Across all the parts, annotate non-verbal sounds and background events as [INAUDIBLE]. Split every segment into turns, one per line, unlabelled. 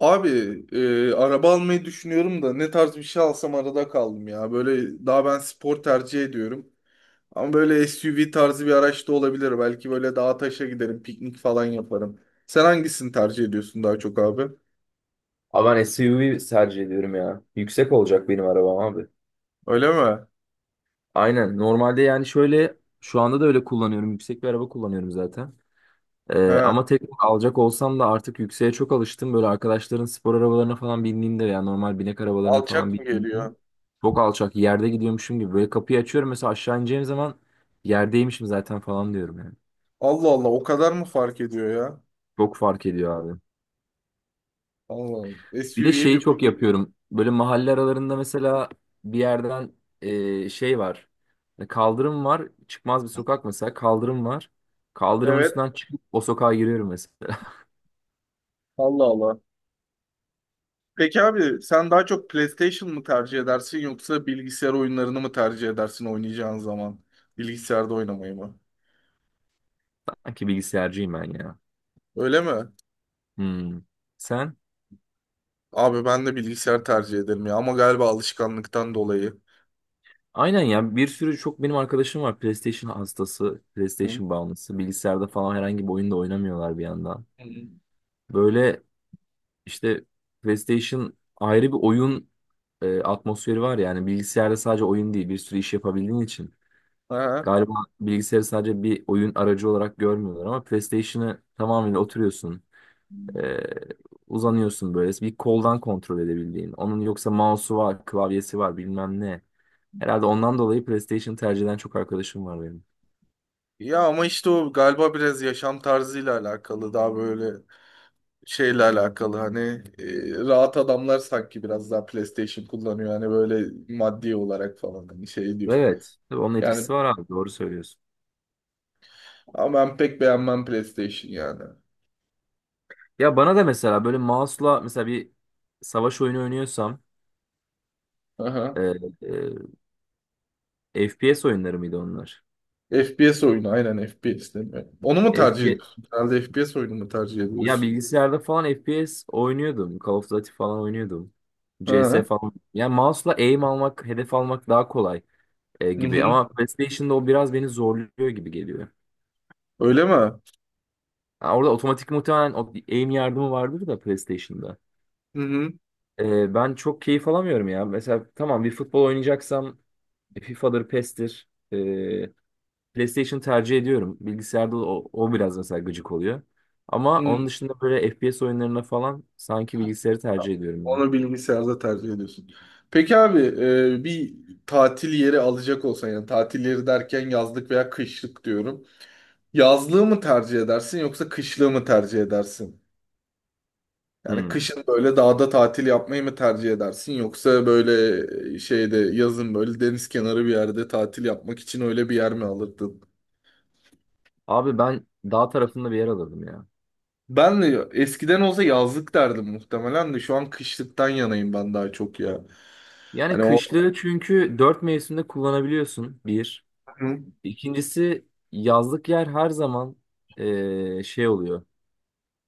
Abi, araba almayı düşünüyorum da ne tarz bir şey alsam arada kaldım ya. Böyle daha ben spor tercih ediyorum. Ama böyle SUV tarzı bir araç da olabilir. Belki böyle dağa taşa giderim, piknik falan yaparım. Sen hangisini tercih ediyorsun daha çok abi?
Abi ben SUV tercih ediyorum ya. Yüksek olacak benim arabam abi.
Öyle mi?
Aynen. Normalde yani şöyle şu anda da öyle kullanıyorum. Yüksek bir araba kullanıyorum zaten.
He,
Ama tek alacak olsam da artık yükseğe çok alıştım. Böyle arkadaşların spor arabalarına falan bindiğimde ya normal binek arabalarına falan
alçak mı
bindiğimde
geliyor?
çok alçak yerde gidiyormuşum gibi. Böyle kapıyı açıyorum mesela aşağı ineceğim zaman yerdeymişim zaten falan diyorum yani.
Allah Allah, o kadar mı fark ediyor ya?
Çok fark ediyor abi.
Allah Allah.
Bir de
SUV'ye
şeyi
bir
çok
bak.
yapıyorum. Böyle mahalle aralarında mesela bir yerden şey var. Hani kaldırım var. Çıkmaz bir sokak mesela. Kaldırım var. Kaldırımın
Evet.
üstünden çıkıp o sokağa giriyorum mesela.
Allah Allah. Peki abi, sen daha çok PlayStation mı tercih edersin yoksa bilgisayar oyunlarını mı tercih edersin oynayacağın zaman? Bilgisayarda oynamayı mı?
[LAUGHS] Sanki bilgisayarcıyım ben ya.
Öyle mi?
Hmm. Sen?
Abi, ben de bilgisayar tercih ederim ya ama galiba alışkanlıktan dolayı.
Aynen ya. Bir sürü çok benim arkadaşım var. PlayStation hastası,
Hı?
PlayStation bağımlısı. Bilgisayarda falan herhangi bir oyunda oynamıyorlar bir yandan.
Hı.
Böyle işte PlayStation ayrı bir oyun atmosferi var yani. Bilgisayarda sadece oyun değil. Bir sürü iş yapabildiğin için.
Ha.
Galiba bilgisayarı sadece bir oyun aracı olarak görmüyorlar ama PlayStation'ı tamamıyla oturuyorsun. e, Uzanıyorsun böyle. Bir koldan kontrol edebildiğin. Onun yoksa mouse'u var, klavyesi var bilmem ne. Herhalde ondan dolayı PlayStation tercih eden çok arkadaşım var benim.
Ya ama işte o galiba biraz yaşam tarzıyla alakalı, daha böyle şeyle alakalı, hani rahat adamlar sanki biraz daha PlayStation kullanıyor, hani böyle maddi olarak falan, hani şey diyor.
Evet. Tabii onun
Yani
etkisi var abi. Doğru söylüyorsun.
ama ben pek beğenmem PlayStation yani.
Ya bana da mesela böyle mouse'la mesela bir savaş oyunu oynuyorsam
Aha.
e, FPS oyunları mıydı onlar?
FPS oyunu aynen, FPS değil mi? Onu mu tercih ediyorsun? Herhalde FPS oyunu mu tercih
Ya
ediyorsun?
bilgisayarda falan FPS oynuyordum. Call of Duty falan oynuyordum. CS
Ha,
falan. Yani mouse'la aim almak, hedef almak daha kolay
hı
gibi.
hı.
Ama PlayStation'da o biraz beni zorluyor gibi geliyor.
Öyle mi? Hı
Ha, orada otomatik muhtemelen o aim yardımı vardır da PlayStation'da.
hı.
Ben çok keyif alamıyorum ya. Mesela tamam bir futbol oynayacaksam FIFA'dır, PES'tir. PlayStation tercih ediyorum. Bilgisayarda o biraz mesela gıcık oluyor. Ama
Hı.
onun dışında böyle FPS oyunlarına falan sanki bilgisayarı tercih ediyorum
Onu bilgisayarda tercih ediyorsun. Peki abi, bir tatil yeri alacak olsan, yani tatil yeri derken yazlık veya kışlık diyorum. Yazlığı mı tercih edersin yoksa kışlığı mı tercih edersin? Yani
ben.
kışın böyle dağda tatil yapmayı mı tercih edersin, yoksa böyle şeyde yazın böyle deniz kenarı bir yerde tatil yapmak için öyle bir yer mi alırdın?
Abi ben dağ tarafında bir yer alırdım ya.
Ben de eskiden olsa yazlık derdim muhtemelen de şu an kışlıktan yanayım ben daha çok ya.
Yani
Hani o...
kışlığı çünkü dört mevsimde kullanabiliyorsun bir.
Hı hı.
İkincisi yazlık yer her zaman şey oluyor.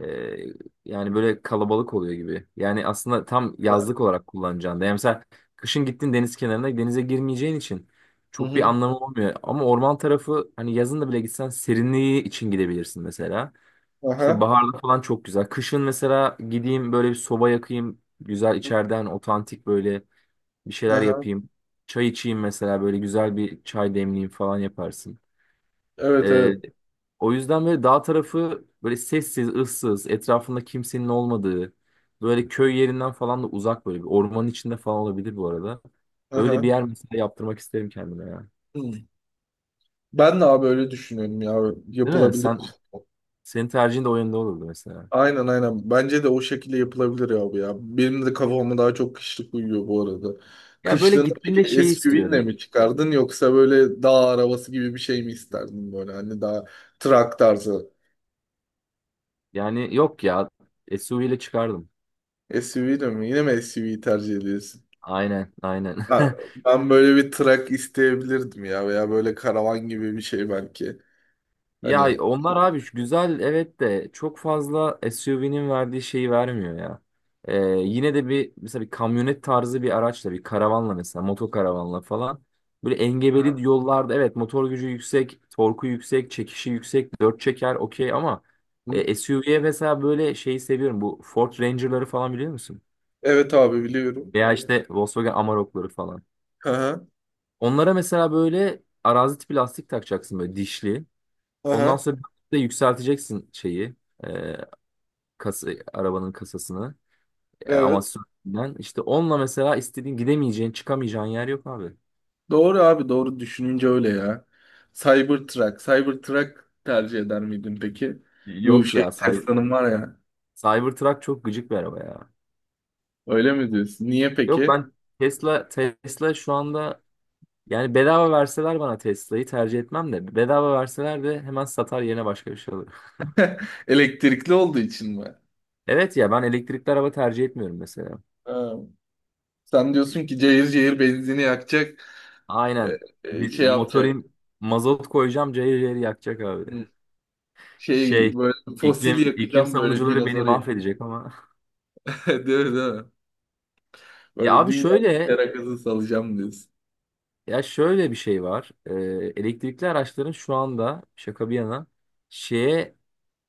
Eee, Yani böyle kalabalık oluyor gibi. Yani aslında tam yazlık olarak kullanacağın da. Yani mesela kışın gittin deniz kenarına denize girmeyeceğin için çok bir
Hı.
anlamı olmuyor. Ama orman tarafı hani yazın da bile gitsen serinliği için gidebilirsin mesela. İşte
Aha.
baharda falan çok güzel. Kışın mesela gideyim böyle bir soba yakayım. Güzel içeriden otantik böyle bir şeyler
Aha.
yapayım. Çay içeyim mesela böyle güzel bir çay demleyeyim falan yaparsın.
Evet,
Ee,
evet.
O yüzden böyle dağ tarafı böyle sessiz, ıssız, etrafında kimsenin olmadığı, böyle köy yerinden falan da uzak böyle bir ormanın içinde falan olabilir bu arada. Öyle bir
Aha.
yer mesela yaptırmak isterim kendime ya.
Hı. Ben de abi öyle düşünüyorum ya.
Değil mi?
Yapılabilir.
Senin tercihin de o yönde olurdu mesela.
Aynen, aynen. Bence de o şekilde yapılabilir abi ya. Benim de kafama daha çok kışlık uyuyor bu arada.
Ya böyle
Kışlığını
gittiğinde
peki
şey
SUV'nle
istiyorum.
mi çıkardın yoksa böyle dağ arabası gibi bir şey mi isterdin böyle, hani daha trak tarzı?
Yani yok ya. SUV ile çıkardım.
SUV de mi? Yine mi SUV'yi tercih ediyorsun?
Aynen, aynen.
Ha,
[LAUGHS]
ben böyle bir trak isteyebilirdim ya veya böyle karavan gibi bir şey belki.
Ya
Hani.
onlar abi şu güzel evet de çok fazla SUV'nin verdiği şeyi vermiyor ya. Ee, Yine de bir mesela bir kamyonet tarzı bir araçla bir karavanla mesela motokaravanla falan böyle engebeli yollarda evet motor gücü yüksek, torku yüksek, çekişi yüksek, dört çeker okey ama
Hı?
SUV'ye mesela böyle şeyi seviyorum, bu Ford Ranger'ları falan biliyor musun?
Evet abi, biliyorum.
Veya işte Volkswagen Amarok'ları falan.
Aha,
Onlara mesela böyle arazi tipi lastik takacaksın böyle dişli. Ondan
aha,
sonra bir de yükselteceksin şeyi. E, Kasa, arabanın kasasını. E, ama
evet.
sürtünden. İşte onunla mesela istediğin gidemeyeceğin, çıkamayacağın yer yok abi.
Doğru abi, doğru düşününce öyle ya. Cybertruck tercih eder miydin peki? Bu
Yok
şey
ya.
Tesla'nın var ya.
Cybertruck çok gıcık bir araba ya.
Öyle mi diyorsun? Niye
Yok
peki?
ben Tesla şu anda yani bedava verseler bana Tesla'yı tercih etmem de bedava verseler de hemen satar yerine başka bir şey alırım. [LAUGHS]
[LAUGHS] Elektrikli olduğu için mi?
Evet ya ben elektrikli araba tercih etmiyorum mesela.
Ha. Sen diyorsun ki cayır cayır benzini yakacak, e,
Aynen. Bir,
şey yapacak.
motorim mazot koyacağım cayır cayır yakacak abi.
Hı. Şey
Şey
böyle fosil
iklim
yakacağım, böyle
savunucuları beni
dinozor yakacağım.
mahvedecek ama. [LAUGHS]
[LAUGHS] Değil mi, değil mi?
Ya
Böyle
abi
dünyayı terakası salacağım diyorsun.
ya şöyle bir şey var. Elektrikli araçların şu anda şaka bir yana şeye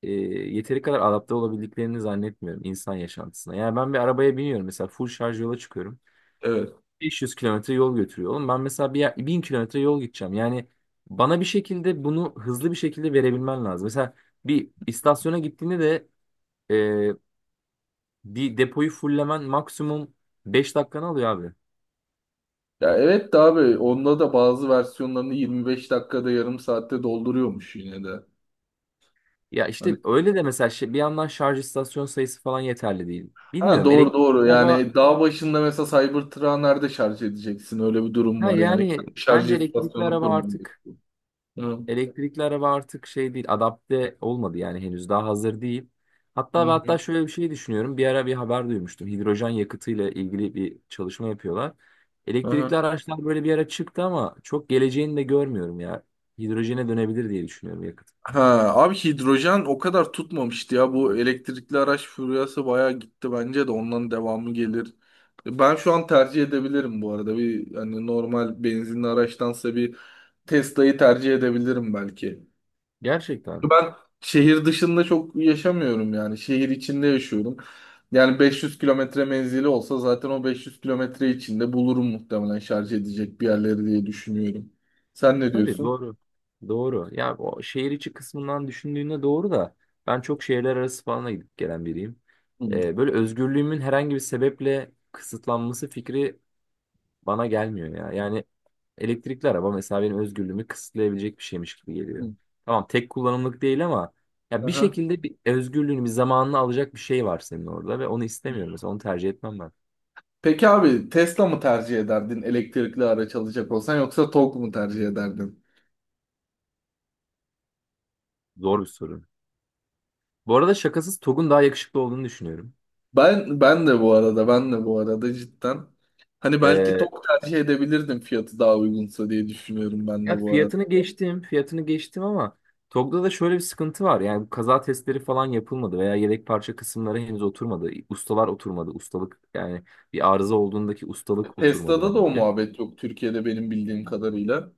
e, yeteri kadar adapte olabildiklerini zannetmiyorum insan yaşantısına. Yani ben bir arabaya biniyorum mesela full şarj yola çıkıyorum.
Evet.
500 kilometre yol götürüyor. Oğlum ben mesela bir yer, 1.000 kilometre yol gideceğim. Yani bana bir şekilde bunu hızlı bir şekilde verebilmen lazım. Mesela bir istasyona gittiğinde de e, bir depoyu fullemen maksimum 5 dakikanı alıyor abi.
Ya evet de abi, onda da bazı versiyonlarını 25 dakikada, yarım saatte dolduruyormuş yine de.
Ya
Hani,
işte öyle de mesela bir yandan şarj istasyon sayısı falan yeterli değil.
ha
Bilmiyorum
doğru,
elektrikli
doğru
araba
yani, dağ başında mesela Cybertruck'ı nerede şarj edeceksin? Öyle bir durum
ha
var yani.
yani
Kendi şarj
bence elektrikli
istasyonunu
araba
kurman
artık
gerekiyor. Hı.
elektrikli araba artık şey değil, adapte olmadı yani henüz daha hazır değil.
Hı
Hatta ve
hı.
hatta şöyle bir şey düşünüyorum. Bir ara bir haber duymuştum. Hidrojen yakıtıyla ilgili bir çalışma yapıyorlar. Elektrikli
Aha.
araçlar böyle bir ara çıktı ama çok geleceğini de görmüyorum ya. Hidrojene dönebilir diye düşünüyorum yakıt.
Ha, abi hidrojen o kadar tutmamıştı ya. Bu elektrikli araç furyası bayağı gitti, bence de ondan devamı gelir. Ben şu an tercih edebilirim bu arada. Bir, hani normal benzinli araçtansa bir Tesla'yı tercih edebilirim belki.
Gerçekten.
Ben şehir dışında çok yaşamıyorum yani. Şehir içinde yaşıyorum. Yani 500 kilometre menzili olsa zaten o 500 kilometre içinde bulurum muhtemelen şarj edecek bir yerleri diye düşünüyorum. Sen ne
Tabii
diyorsun?
doğru. Doğru. Ya o şehir içi kısmından düşündüğünde doğru da ben çok şehirler arası falan da gidip gelen biriyim.
Hı.
Böyle özgürlüğümün herhangi bir sebeple kısıtlanması fikri bana gelmiyor ya. Yani elektrikli araba mesela benim özgürlüğümü kısıtlayabilecek bir şeymiş gibi geliyor.
Hı.
Tamam tek kullanımlık değil ama ya bir
Aha.
şekilde bir özgürlüğünü bir zamanını alacak bir şey var senin orada ve onu istemiyorum. Mesela onu tercih etmem ben.
Peki abi, Tesla mı tercih ederdin elektrikli araç alacak olsan, yoksa Tok mu tercih ederdin?
Zor bir sorun. Bu arada şakasız TOG'un daha yakışıklı olduğunu düşünüyorum.
Ben de bu arada, ben de bu arada cidden. Hani belki
Ee,
Tok tercih edebilirdim fiyatı daha uygunsa diye düşünüyorum ben
Ya
de bu arada.
fiyatını geçtim, ama TOG'da da şöyle bir sıkıntı var. Yani bu kaza testleri falan yapılmadı veya yedek parça kısımları henüz oturmadı. Ustalar oturmadı. Ustalık yani bir arıza olduğundaki ustalık oturmadı
Tesla'da da o
bence.
muhabbet yok Türkiye'de benim bildiğim kadarıyla.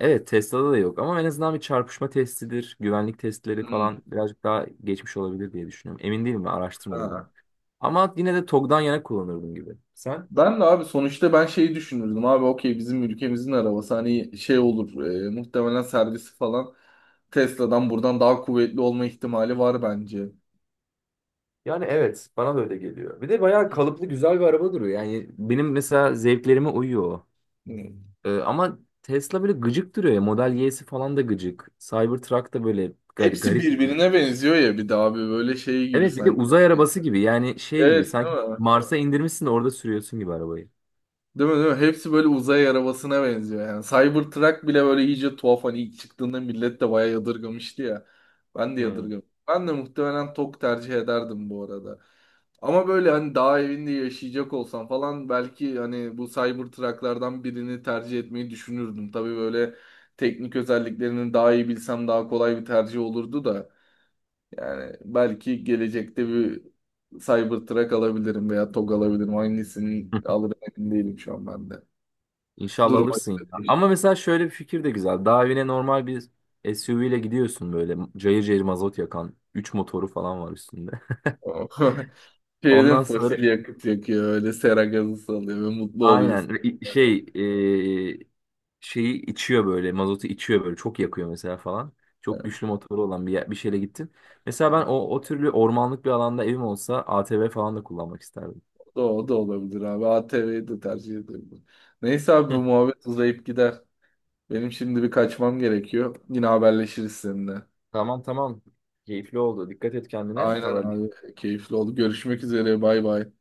Evet Tesla'da da yok ama en azından bir çarpışma testidir. Güvenlik testleri
Hmm,
falan birazcık daha geçmiş olabilir diye düşünüyorum. Emin değilim ben araştırmadım onu.
ha.
Ama yine de TOGG'dan yana kullanırdım gibi. Sen?
Ben de abi sonuçta ben şeyi düşünürdüm abi, okey bizim ülkemizin arabası, hani şey olur, muhtemelen servisi falan Tesla'dan buradan daha kuvvetli olma ihtimali var bence.
Yani evet bana da öyle geliyor. Bir de bayağı kalıplı güzel bir araba duruyor. Yani benim mesela zevklerime uyuyor o.
Hmm.
Ama Tesla böyle gıcık duruyor ya. Model Y'si falan da gıcık. Cybertruck da böyle
Hepsi
garip.
birbirine benziyor ya, bir de abi böyle şey gibi
Evet bir de
sanki.
uzay
Yani.
arabası gibi. Yani şey gibi
Evet, değil
sanki
mi?
Mars'a indirmişsin de orada sürüyorsun gibi arabayı.
Değil mi, değil mi? Hepsi böyle uzay arabasına benziyor yani. Cybertruck bile böyle iyice tuhaf, hani ilk çıktığında millet de bayağı yadırgamıştı ya. Ben de
[LAUGHS] Hmm.
yadırgamıştım. Ben de muhtemelen TOK tercih ederdim bu arada. Ama böyle hani dağ evinde yaşayacak olsam falan belki hani bu Cybertruck'lardan birini tercih etmeyi düşünürdüm. Tabii böyle teknik özelliklerini daha iyi bilsem daha kolay bir tercih olurdu da. Yani belki gelecekte bir Cybertruck alabilirim veya TOG alabilirim. Hangisini alırım emin değilim şu an ben de.
İnşallah
Duruma
alırsın
göre
ya.
değişiyor.
Ama mesela şöyle bir fikir de güzel. Daha evine normal bir SUV ile gidiyorsun böyle. Cayır cayır mazot yakan. Üç motoru falan var üstünde. [LAUGHS]
[LAUGHS] Şeyden
Ondan sonra
fosil yakıt yakıyor. Öyle sera gazı salıyor ve mutlu
aynen
oluyorsun.
i-
Böyle.
şey e, şeyi içiyor böyle. Mazotu içiyor böyle. Çok yakıyor mesela falan. Çok güçlü motoru olan bir, bir şeyle gittim. Mesela ben o türlü ormanlık bir alanda evim olsa ATV falan da kullanmak isterdim.
O da olabilir abi. ATV'yi de tercih edebilirim. Neyse abi, bu
[LAUGHS]
muhabbet uzayıp gider. Benim şimdi bir kaçmam gerekiyor. Yine haberleşiriz seninle.
Tamam tamam. Keyifli oldu. Dikkat et kendine.
Aynen
Haber
abi. Keyifli oldu. Görüşmek üzere. Bay bay.